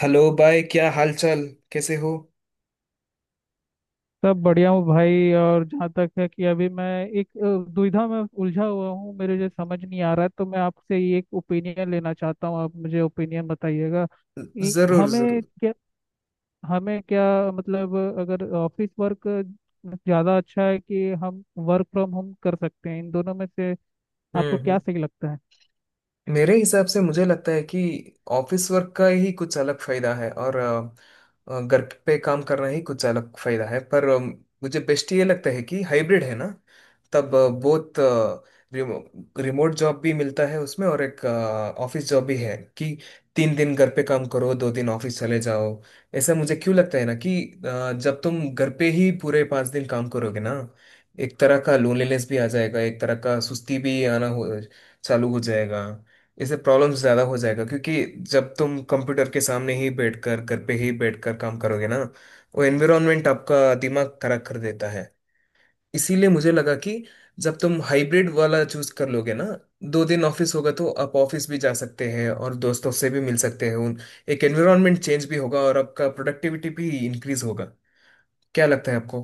Hello भाई, क्या हाल चाल, कैसे हो? सब बढ़िया हूँ भाई। और जहाँ तक है कि अभी मैं एक दुविधा में उलझा हुआ हूँ मेरे जो समझ नहीं आ रहा है। तो मैं आपसे ये एक ओपिनियन लेना चाहता हूँ। आप मुझे ओपिनियन बताइएगा कि जरूर, जरूर। क्या हमें क्या मतलब अगर ऑफिस वर्क ज़्यादा अच्छा है कि हम वर्क फ्रॉम होम कर सकते हैं, इन दोनों में से आपको हम्म हम्म। क्या सही लगता है? मेरे हिसाब से मुझे लगता है कि ऑफिस वर्क का ही कुछ अलग फायदा है, और घर पे काम करना ही कुछ अलग फायदा है। पर मुझे बेस्ट ये लगता है कि हाइब्रिड है ना। तब बहुत रिमो, रिमोट जॉब भी मिलता है उसमें, और एक ऑफिस जॉब भी है कि 3 दिन घर पे काम करो, 2 दिन ऑफिस चले जाओ। ऐसा मुझे क्यों लगता है ना कि जब तुम घर पे ही पूरे 5 दिन काम करोगे ना, एक तरह का लोनलीनेस भी आ जाएगा, एक तरह का सुस्ती भी आना हो चालू हो जाएगा। इससे प्रॉब्लम ज्यादा हो जाएगा, क्योंकि जब तुम कंप्यूटर के सामने ही बैठकर, घर पे ही बैठकर काम करोगे ना, वो एनवायरनमेंट आपका दिमाग खराब कर देता है। इसीलिए मुझे लगा कि जब तुम हाइब्रिड वाला चूज कर लोगे ना, 2 दिन ऑफिस होगा, तो आप ऑफिस भी जा सकते हैं और दोस्तों से भी मिल सकते हैं उन, एक एनवायरनमेंट चेंज भी होगा और आपका प्रोडक्टिविटी भी इंक्रीज होगा। क्या लगता है आपको?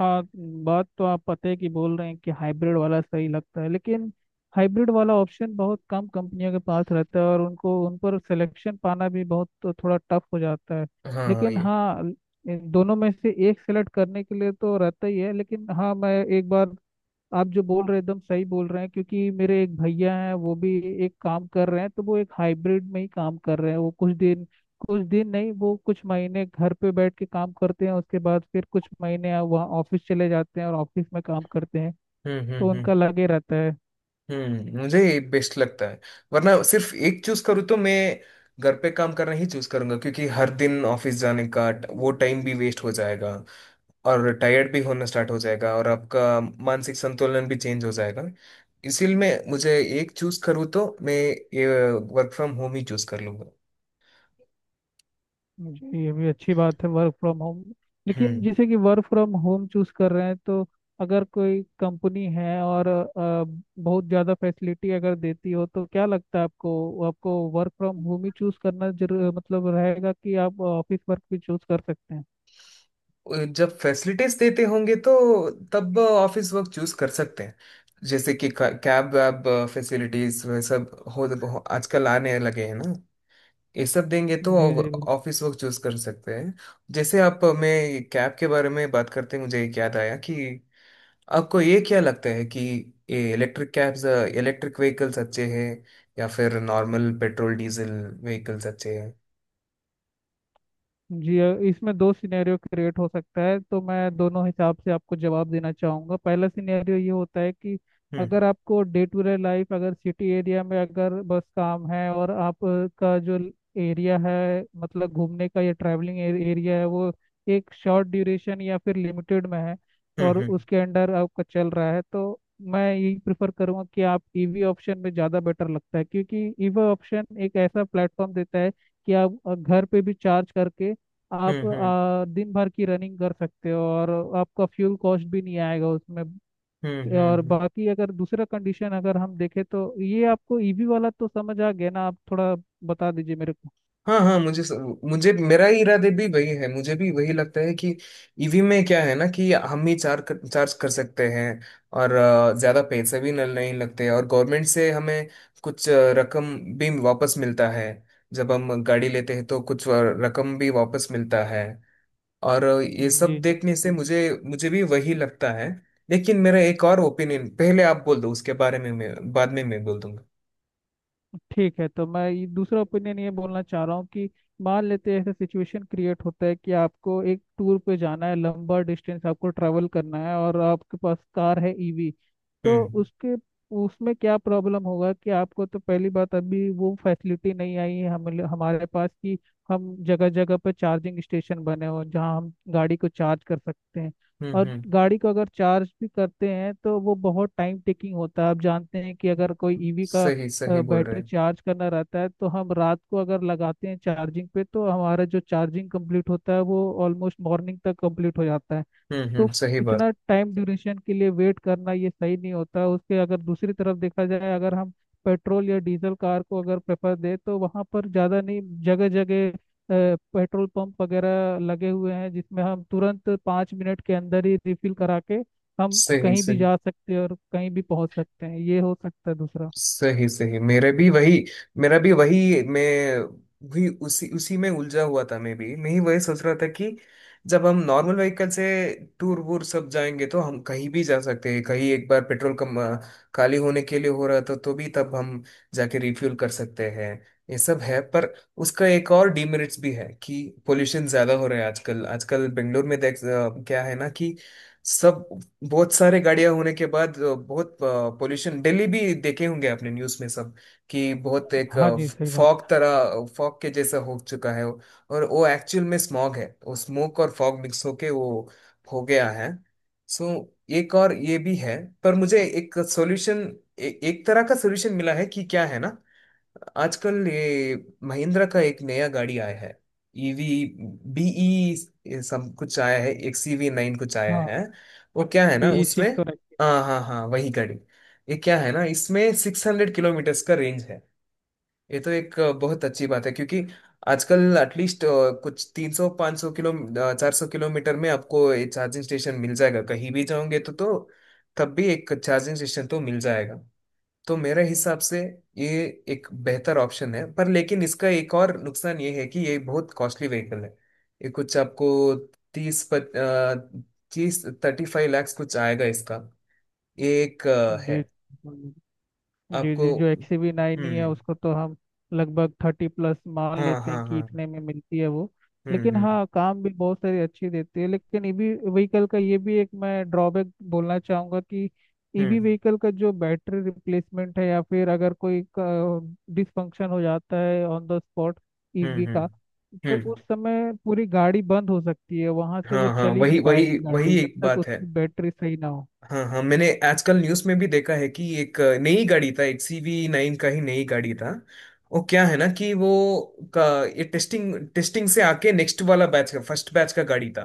हाँ, बात तो आप पते की बोल रहे हैं कि हाइब्रिड वाला सही लगता है, लेकिन हाइब्रिड वाला ऑप्शन बहुत कम कंपनियों के पास रहता है और उनको उन पर सिलेक्शन पाना भी बहुत तो थोड़ा टफ हो जाता है। हाँ, हाँ, लेकिन ये। हाँ, इन दोनों में से एक सेलेक्ट करने के लिए तो रहता ही है। लेकिन हाँ, मैं एक बार आप जो बोल रहे हैं एकदम सही बोल रहे हैं क्योंकि मेरे एक भैया हैं वो भी एक काम कर रहे हैं, तो वो एक हाइब्रिड में ही काम कर रहे हैं। वो कुछ दिन, कुछ दिन नहीं, वो कुछ महीने घर पे बैठ के काम करते हैं, उसके बाद फिर कुछ महीने वहाँ ऑफिस चले जाते हैं और ऑफिस में काम करते हैं। हम्म, हम्म, तो हम्म, उनका लगे रहता है। हम्म, मुझे ये बेस्ट लगता है। वरना सिर्फ एक चूज करूँ तो मैं घर पे काम करना ही चूज करूंगा, क्योंकि हर दिन ऑफिस जाने का वो टाइम भी वेस्ट हो जाएगा, और टायर्ड भी होना स्टार्ट हो जाएगा, और आपका मानसिक संतुलन भी चेंज हो जाएगा। इसीलिए मैं मुझे एक चूज करूँ तो मैं ये वर्क फ्रॉम होम ही चूज कर लूंगा। जी, ये भी अच्छी बात है वर्क फ्रॉम होम। लेकिन हम्म। जैसे कि वर्क फ्रॉम होम चूज कर रहे हैं तो अगर कोई कंपनी है और बहुत ज़्यादा फैसिलिटी अगर देती हो तो क्या लगता है आपको? आपको वर्क फ्रॉम होम ही चूज करना जरूर मतलब रहेगा, कि आप ऑफिस वर्क भी चूज कर सकते हैं? जब फैसिलिटीज देते होंगे, तो तब ऑफिस वर्क चूज कर सकते हैं। जैसे कि कैब वैब, फैसिलिटीज वह सब हो आजकल आने लगे हैं ना, ये सब देंगे तो जी जी। ऑफिस वर्क चूज कर सकते हैं। जैसे, आप, मैं कैब के बारे में बात करते हैं, मुझे एक याद आया कि आपको ये क्या लगता है कि ये इलेक्ट्रिक कैब्स, इलेक्ट्रिक व्हीकल्स अच्छे हैं, या फिर नॉर्मल पेट्रोल डीजल व्हीकल्स अच्छे हैं? जी इसमें दो सिनेरियो क्रिएट हो सकता है, तो मैं दोनों हिसाब से आपको जवाब देना चाहूँगा। पहला सिनेरियो ये होता है कि हम्म, अगर आपको डे टू डे लाइफ अगर सिटी एरिया में अगर बस काम है और आपका जो एरिया है मतलब घूमने का या ट्रैवलिंग एरिया है वो एक शॉर्ट ड्यूरेशन या फिर लिमिटेड में है हम्म, और हम्म, उसके अंडर आपका चल रहा है, तो मैं यही प्रेफर करूँगा कि आप ईवी ऑप्शन में ज़्यादा बेटर लगता है। क्योंकि ईवी ऑप्शन एक ऐसा प्लेटफॉर्म देता है कि आप घर पे भी चार्ज करके आप हम्म, दिन भर की रनिंग कर सकते हो और आपका फ्यूल कॉस्ट भी नहीं आएगा उसमें। हम्म, हम्म, और हम्म। बाकी अगर दूसरा कंडीशन अगर हम देखें, तो ये आपको ईवी वाला तो समझ आ गया ना? आप थोड़ा बता दीजिए मेरे को। हाँ, हाँ, मुझे मुझे मेरा ही इरादे भी वही है, मुझे भी वही लगता है कि ईवी में क्या है ना, कि हम ही चार्ज कर सकते हैं, और ज्यादा पैसे भी नहीं लगते, और गवर्नमेंट से हमें कुछ रकम भी वापस मिलता है। जब हम गाड़ी लेते हैं तो कुछ रकम भी वापस मिलता है। और ये जी सब जी। देखने से मुझे मुझे भी वही लगता है। लेकिन मेरा एक और ओपिनियन, पहले आप बोल दो उसके बारे में, मैं बाद में मैं बोल दूंगा। ठीक है, तो मैं ये दूसरा ओपिनियन ये बोलना चाह रहा हूँ कि मान लेते हैं ऐसा सिचुएशन क्रिएट होता है कि आपको एक टूर पे जाना है, लंबा डिस्टेंस आपको ट्रैवल करना है और आपके पास कार है ईवी। तो हम्म, उसके उसमें क्या प्रॉब्लम होगा कि आपको तो पहली बात अभी वो फैसिलिटी नहीं आई है हम हमारे पास कि हम जगह जगह पर चार्जिंग स्टेशन बने हों जहाँ हम गाड़ी को चार्ज कर सकते हैं। हम्म, और हम्म, गाड़ी को अगर चार्ज भी करते हैं तो वो बहुत टाइम टेकिंग होता है। आप जानते हैं कि अगर कोई ईवी का सही सही बोल रहे बैटरी हैं। चार्ज करना रहता है तो हम रात को अगर लगाते हैं चार्जिंग पे, तो हमारा जो चार्जिंग कंप्लीट होता है वो ऑलमोस्ट मॉर्निंग तक कंप्लीट हो जाता है। हम्म, तो हम्म, सही बात। इतना टाइम ड्यूरेशन के लिए वेट करना ये सही नहीं होता। उसके अगर दूसरी तरफ देखा जाए अगर हम पेट्रोल या डीजल कार को अगर प्रेफर दें तो वहाँ पर ज़्यादा नहीं, जगह जगह पेट्रोल पंप वगैरह लगे हुए हैं जिसमें हम तुरंत 5 मिनट के अंदर ही रिफिल करा के हम सही, कहीं भी सही, जा सकते हैं और कहीं भी पहुंच सकते हैं। ये हो सकता है दूसरा। सही, सही, मेरे भी वही, मेरा भी वही, मैं भी उसी उसी में उलझा हुआ था, मैं भी मैं ही वही सोच रहा था कि जब हम नॉर्मल व्हीकल से टूर वूर सब जाएंगे, तो हम कहीं भी जा सकते हैं, कहीं एक बार पेट्रोल कम, खाली होने के लिए हो रहा था, तो भी तब हम जाके रिफ्यूल कर सकते हैं। ये सब है, पर उसका एक और डीमेरिट्स भी है कि पोल्यूशन ज्यादा हो रहा है आजकल। आजकल बेंगलोर में क्या है ना कि सब, बहुत सारे गाड़ियां होने के बाद बहुत पोल्यूशन, दिल्ली भी देखे होंगे आपने न्यूज़ में, सब कि बहुत एक हाँ जी, सही बात। फॉग के जैसा हो चुका है वो। और वो एक्चुअल में स्मॉग है, वो स्मोक और फॉग मिक्स होके वो हो गया है। सो एक और ये भी है, पर मुझे एक सॉल्यूशन, एक तरह का सॉल्यूशन मिला है कि क्या है ना, आजकल ये महिंद्रा का एक नया गाड़ी आया है, ईवी, बीई सब कुछ आया है, एक सीवी 9 कुछ आया हाँ, है, वो क्या है ना उसमें। बेसिक तो रखी हाँ, है। हाँ, हाँ, वही गाड़ी। ये क्या है ना, इसमें 600 किलोमीटर्स का रेंज है। ये तो एक बहुत अच्छी बात है, क्योंकि आजकल एटलीस्ट कुछ 300, 500 किलो, 400 किलोमीटर में आपको ये चार्जिंग स्टेशन मिल जाएगा। कहीं भी जाओगे तो तब भी एक चार्जिंग स्टेशन तो मिल जाएगा। तो मेरे हिसाब से ये एक बेहतर ऑप्शन है, पर लेकिन इसका एक और नुकसान ये है कि ये बहुत कॉस्टली व्हीकल है। ये कुछ आपको तीस तीस 35 लाख कुछ आएगा इसका। ये एक है जी जी। आपको। जी जो XV9 ही है हम्म। उसको तो हम लगभग 30+ मान हाँ, लेते हैं हाँ, कि हाँ। इतने में मिलती है वो। हम्म, लेकिन हम्म, हाँ, काम भी बहुत सारी अच्छी देती है। लेकिन ईवी व्हीकल का ये भी एक मैं ड्रॉबैक बोलना चाहूँगा कि ईवी हम्म, व्हीकल का जो बैटरी रिप्लेसमेंट है या फिर अगर कोई डिसफंक्शन हो जाता है ऑन द स्पॉट हम्म, ईवी हम्म, का, तो हम्म। उस समय पूरी गाड़ी बंद हो सकती है, वहां से हाँ, वो हाँ, चल ही वही नहीं पाएगी वही गाड़ी वही जब एक तक बात है। उसकी बैटरी सही ना हो। हाँ, हाँ, मैंने आजकल न्यूज़ में भी देखा है कि एक नई गाड़ी था, एक सीवी 9 का ही नई गाड़ी था। वो क्या है ना, कि वो का ये टेस्टिंग, टेस्टिंग से आके नेक्स्ट वाला बैच का, फर्स्ट बैच का गाड़ी था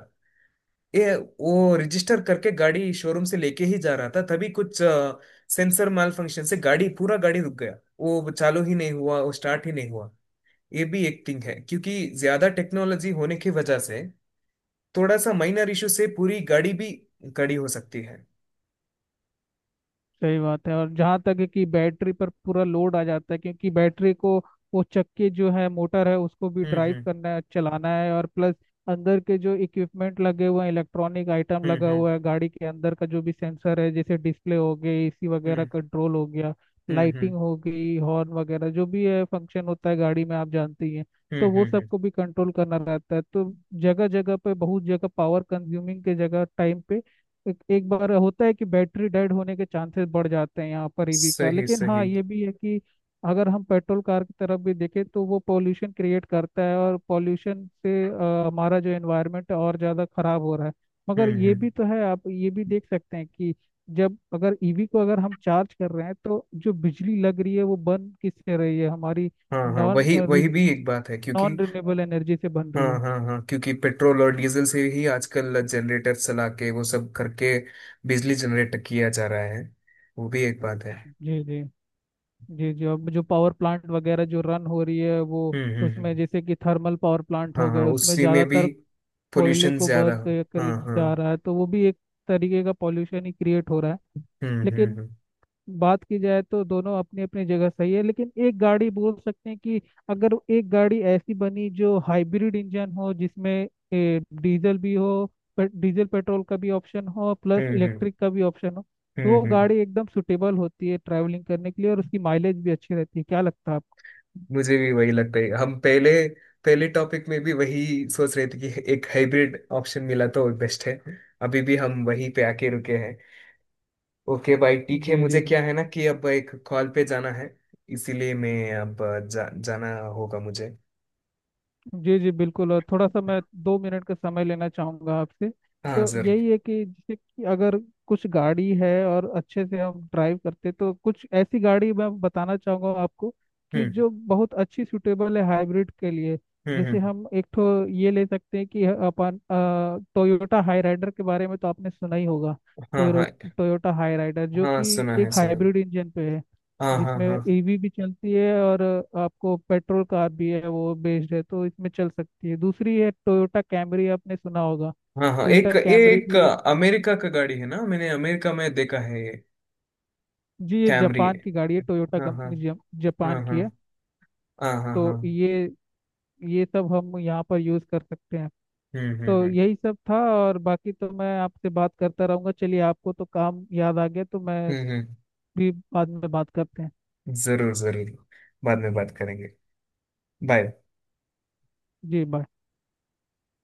ये। वो रजिस्टर करके गाड़ी शोरूम से लेके ही जा रहा था, तभी कुछ सेंसर माल फंक्शन से गाड़ी पूरा गाड़ी रुक गया, वो चालू ही नहीं हुआ, वो स्टार्ट ही नहीं हुआ। ये भी एक थिंग है, क्योंकि ज्यादा टेक्नोलॉजी होने की वजह से थोड़ा सा माइनर इशू से पूरी गाड़ी भी कड़ी हो सकती है। सही बात है। और जहाँ तक है कि बैटरी पर पूरा लोड आ जाता है, क्योंकि बैटरी को वो चक्के जो है मोटर है उसको भी हम्म, ड्राइव हम्म, करना है चलाना है और प्लस अंदर के जो इक्विपमेंट लगे हुए हैं, इलेक्ट्रॉनिक आइटम हम्म, लगा हम्म, हुआ है, गाड़ी के अंदर का जो भी सेंसर है, जैसे डिस्प्ले हो गई, एसी वगैरह हम्म, कंट्रोल हो गया, हम्म, हम्म, लाइटिंग हो गई, हॉर्न वगैरह जो भी है फंक्शन होता है गाड़ी में आप जानते ही हैं। तो हम्म, वो हम्म, हम्म। सबको भी कंट्रोल करना रहता है, तो जगह जगह पे बहुत जगह पावर कंज्यूमिंग के जगह टाइम पे एक बार होता है कि बैटरी डेड होने के चांसेस बढ़ जाते हैं यहाँ पर ईवी का। सही, लेकिन हाँ, सही। ये भी है कि अगर हम पेट्रोल कार की तरफ भी देखें तो वो पॉल्यूशन क्रिएट करता है, और पॉल्यूशन से हमारा जो एनवायरनमेंट है और ज़्यादा खराब हो रहा है। मगर हम्म, ये हम्म। भी तो है, आप ये भी देख सकते हैं कि जब अगर ईवी को अगर हम चार्ज कर रहे हैं तो जो बिजली लग रही है वो बन किससे रही है हमारी? हाँ, हाँ, नॉन वही वही भी एक बात है, क्योंकि, नॉन रिन्यूएबल एनर्जी से बन रही हाँ, है। हाँ, हाँ, क्योंकि पेट्रोल और डीजल से ही आजकल जनरेटर चला के वो सब करके बिजली जनरेट किया जा रहा है, वो भी एक बात है। जी जी। जी जी, अब जो पावर प्लांट वगैरह जो रन हो रही है वो हम्म, हम्म, उसमें हम्म। जैसे कि थर्मल पावर प्लांट हाँ, हो गए हाँ, उसमें उसी में भी ज़्यादातर कोयले पोल्यूशन को ज्यादा बर्न हो। कर, कर हाँ, हाँ। जा रहा है तो वो भी एक तरीके का पॉल्यूशन ही क्रिएट हो रहा है। हम्म, हम्म, लेकिन हम्म, बात की जाए तो दोनों अपनी अपनी जगह सही है, लेकिन एक गाड़ी बोल सकते हैं कि अगर एक गाड़ी ऐसी बनी जो हाइब्रिड इंजन हो जिसमें डीजल भी हो डीजल पेट्रोल का भी ऑप्शन हो प्लस हम्म, हम्म, इलेक्ट्रिक का भी ऑप्शन हो, तो हम्म, वो हम्म। गाड़ी एकदम सुटेबल होती है ट्रैवलिंग करने के लिए और उसकी माइलेज भी अच्छी रहती है। क्या लगता है आपको? मुझे भी वही लगता है, हम पहले पहले टॉपिक में भी वही सोच रहे थे कि एक हाइब्रिड ऑप्शन मिला तो बेस्ट है। अभी भी हम वही पे आके रुके हैं। ओके भाई, ठीक है, जी जी मुझे क्या है बिल्कुल। ना कि अब एक कॉल पे जाना है, इसीलिए मैं अब जाना होगा मुझे। जी जी बिल्कुल, और थोड़ा सा मैं 2 मिनट का समय लेना चाहूँगा आपसे। हाँ, तो जरूर। यही है कि जैसे कि अगर कुछ गाड़ी है और अच्छे से हम ड्राइव करते तो कुछ ऐसी गाड़ी मैं बताना चाहूँगा आपको कि हम्म, जो बहुत अच्छी सूटेबल है हाइब्रिड के लिए। हम्म, जैसे हम्म। हम एक तो ये ले सकते हैं कि अपन टोयोटा हाई राइडर के बारे में तो आपने सुना ही होगा। हाँ, टोयो हाँ, टोयोटा हाई राइडर जो हाँ, कि सुना है, एक सुना है। हाइब्रिड इंजन पे है हाँ, हाँ, जिसमें हाँ, ईवी भी चलती है और आपको पेट्रोल कार भी है वो बेस्ड है तो इसमें चल सकती है। दूसरी है टोयोटा कैमरी, आपने सुना होगा। हाँ, हाँ, एक टोयोटा ये कैमरी एक भी है। अमेरिका का गाड़ी है ना, मैंने अमेरिका में देखा है ये। जी, ये कैमरी, जापान की गाड़ी है, टोयोटा हाँ, हाँ, कंपनी जापान हाँ, की हाँ, है। हाँ, हाँ, हाँ। तो ये सब हम यहाँ पर यूज़ कर सकते हैं। हम्म, हम्म, तो हम्म, यही सब था, और बाकी तो मैं आपसे बात करता रहूँगा। चलिए, आपको तो काम याद आ गया तो मैं हम्म, हम्म। भी बाद में बात करते हैं। जरूर, जरूर, बाद में बात करेंगे, बाय। जी बाय।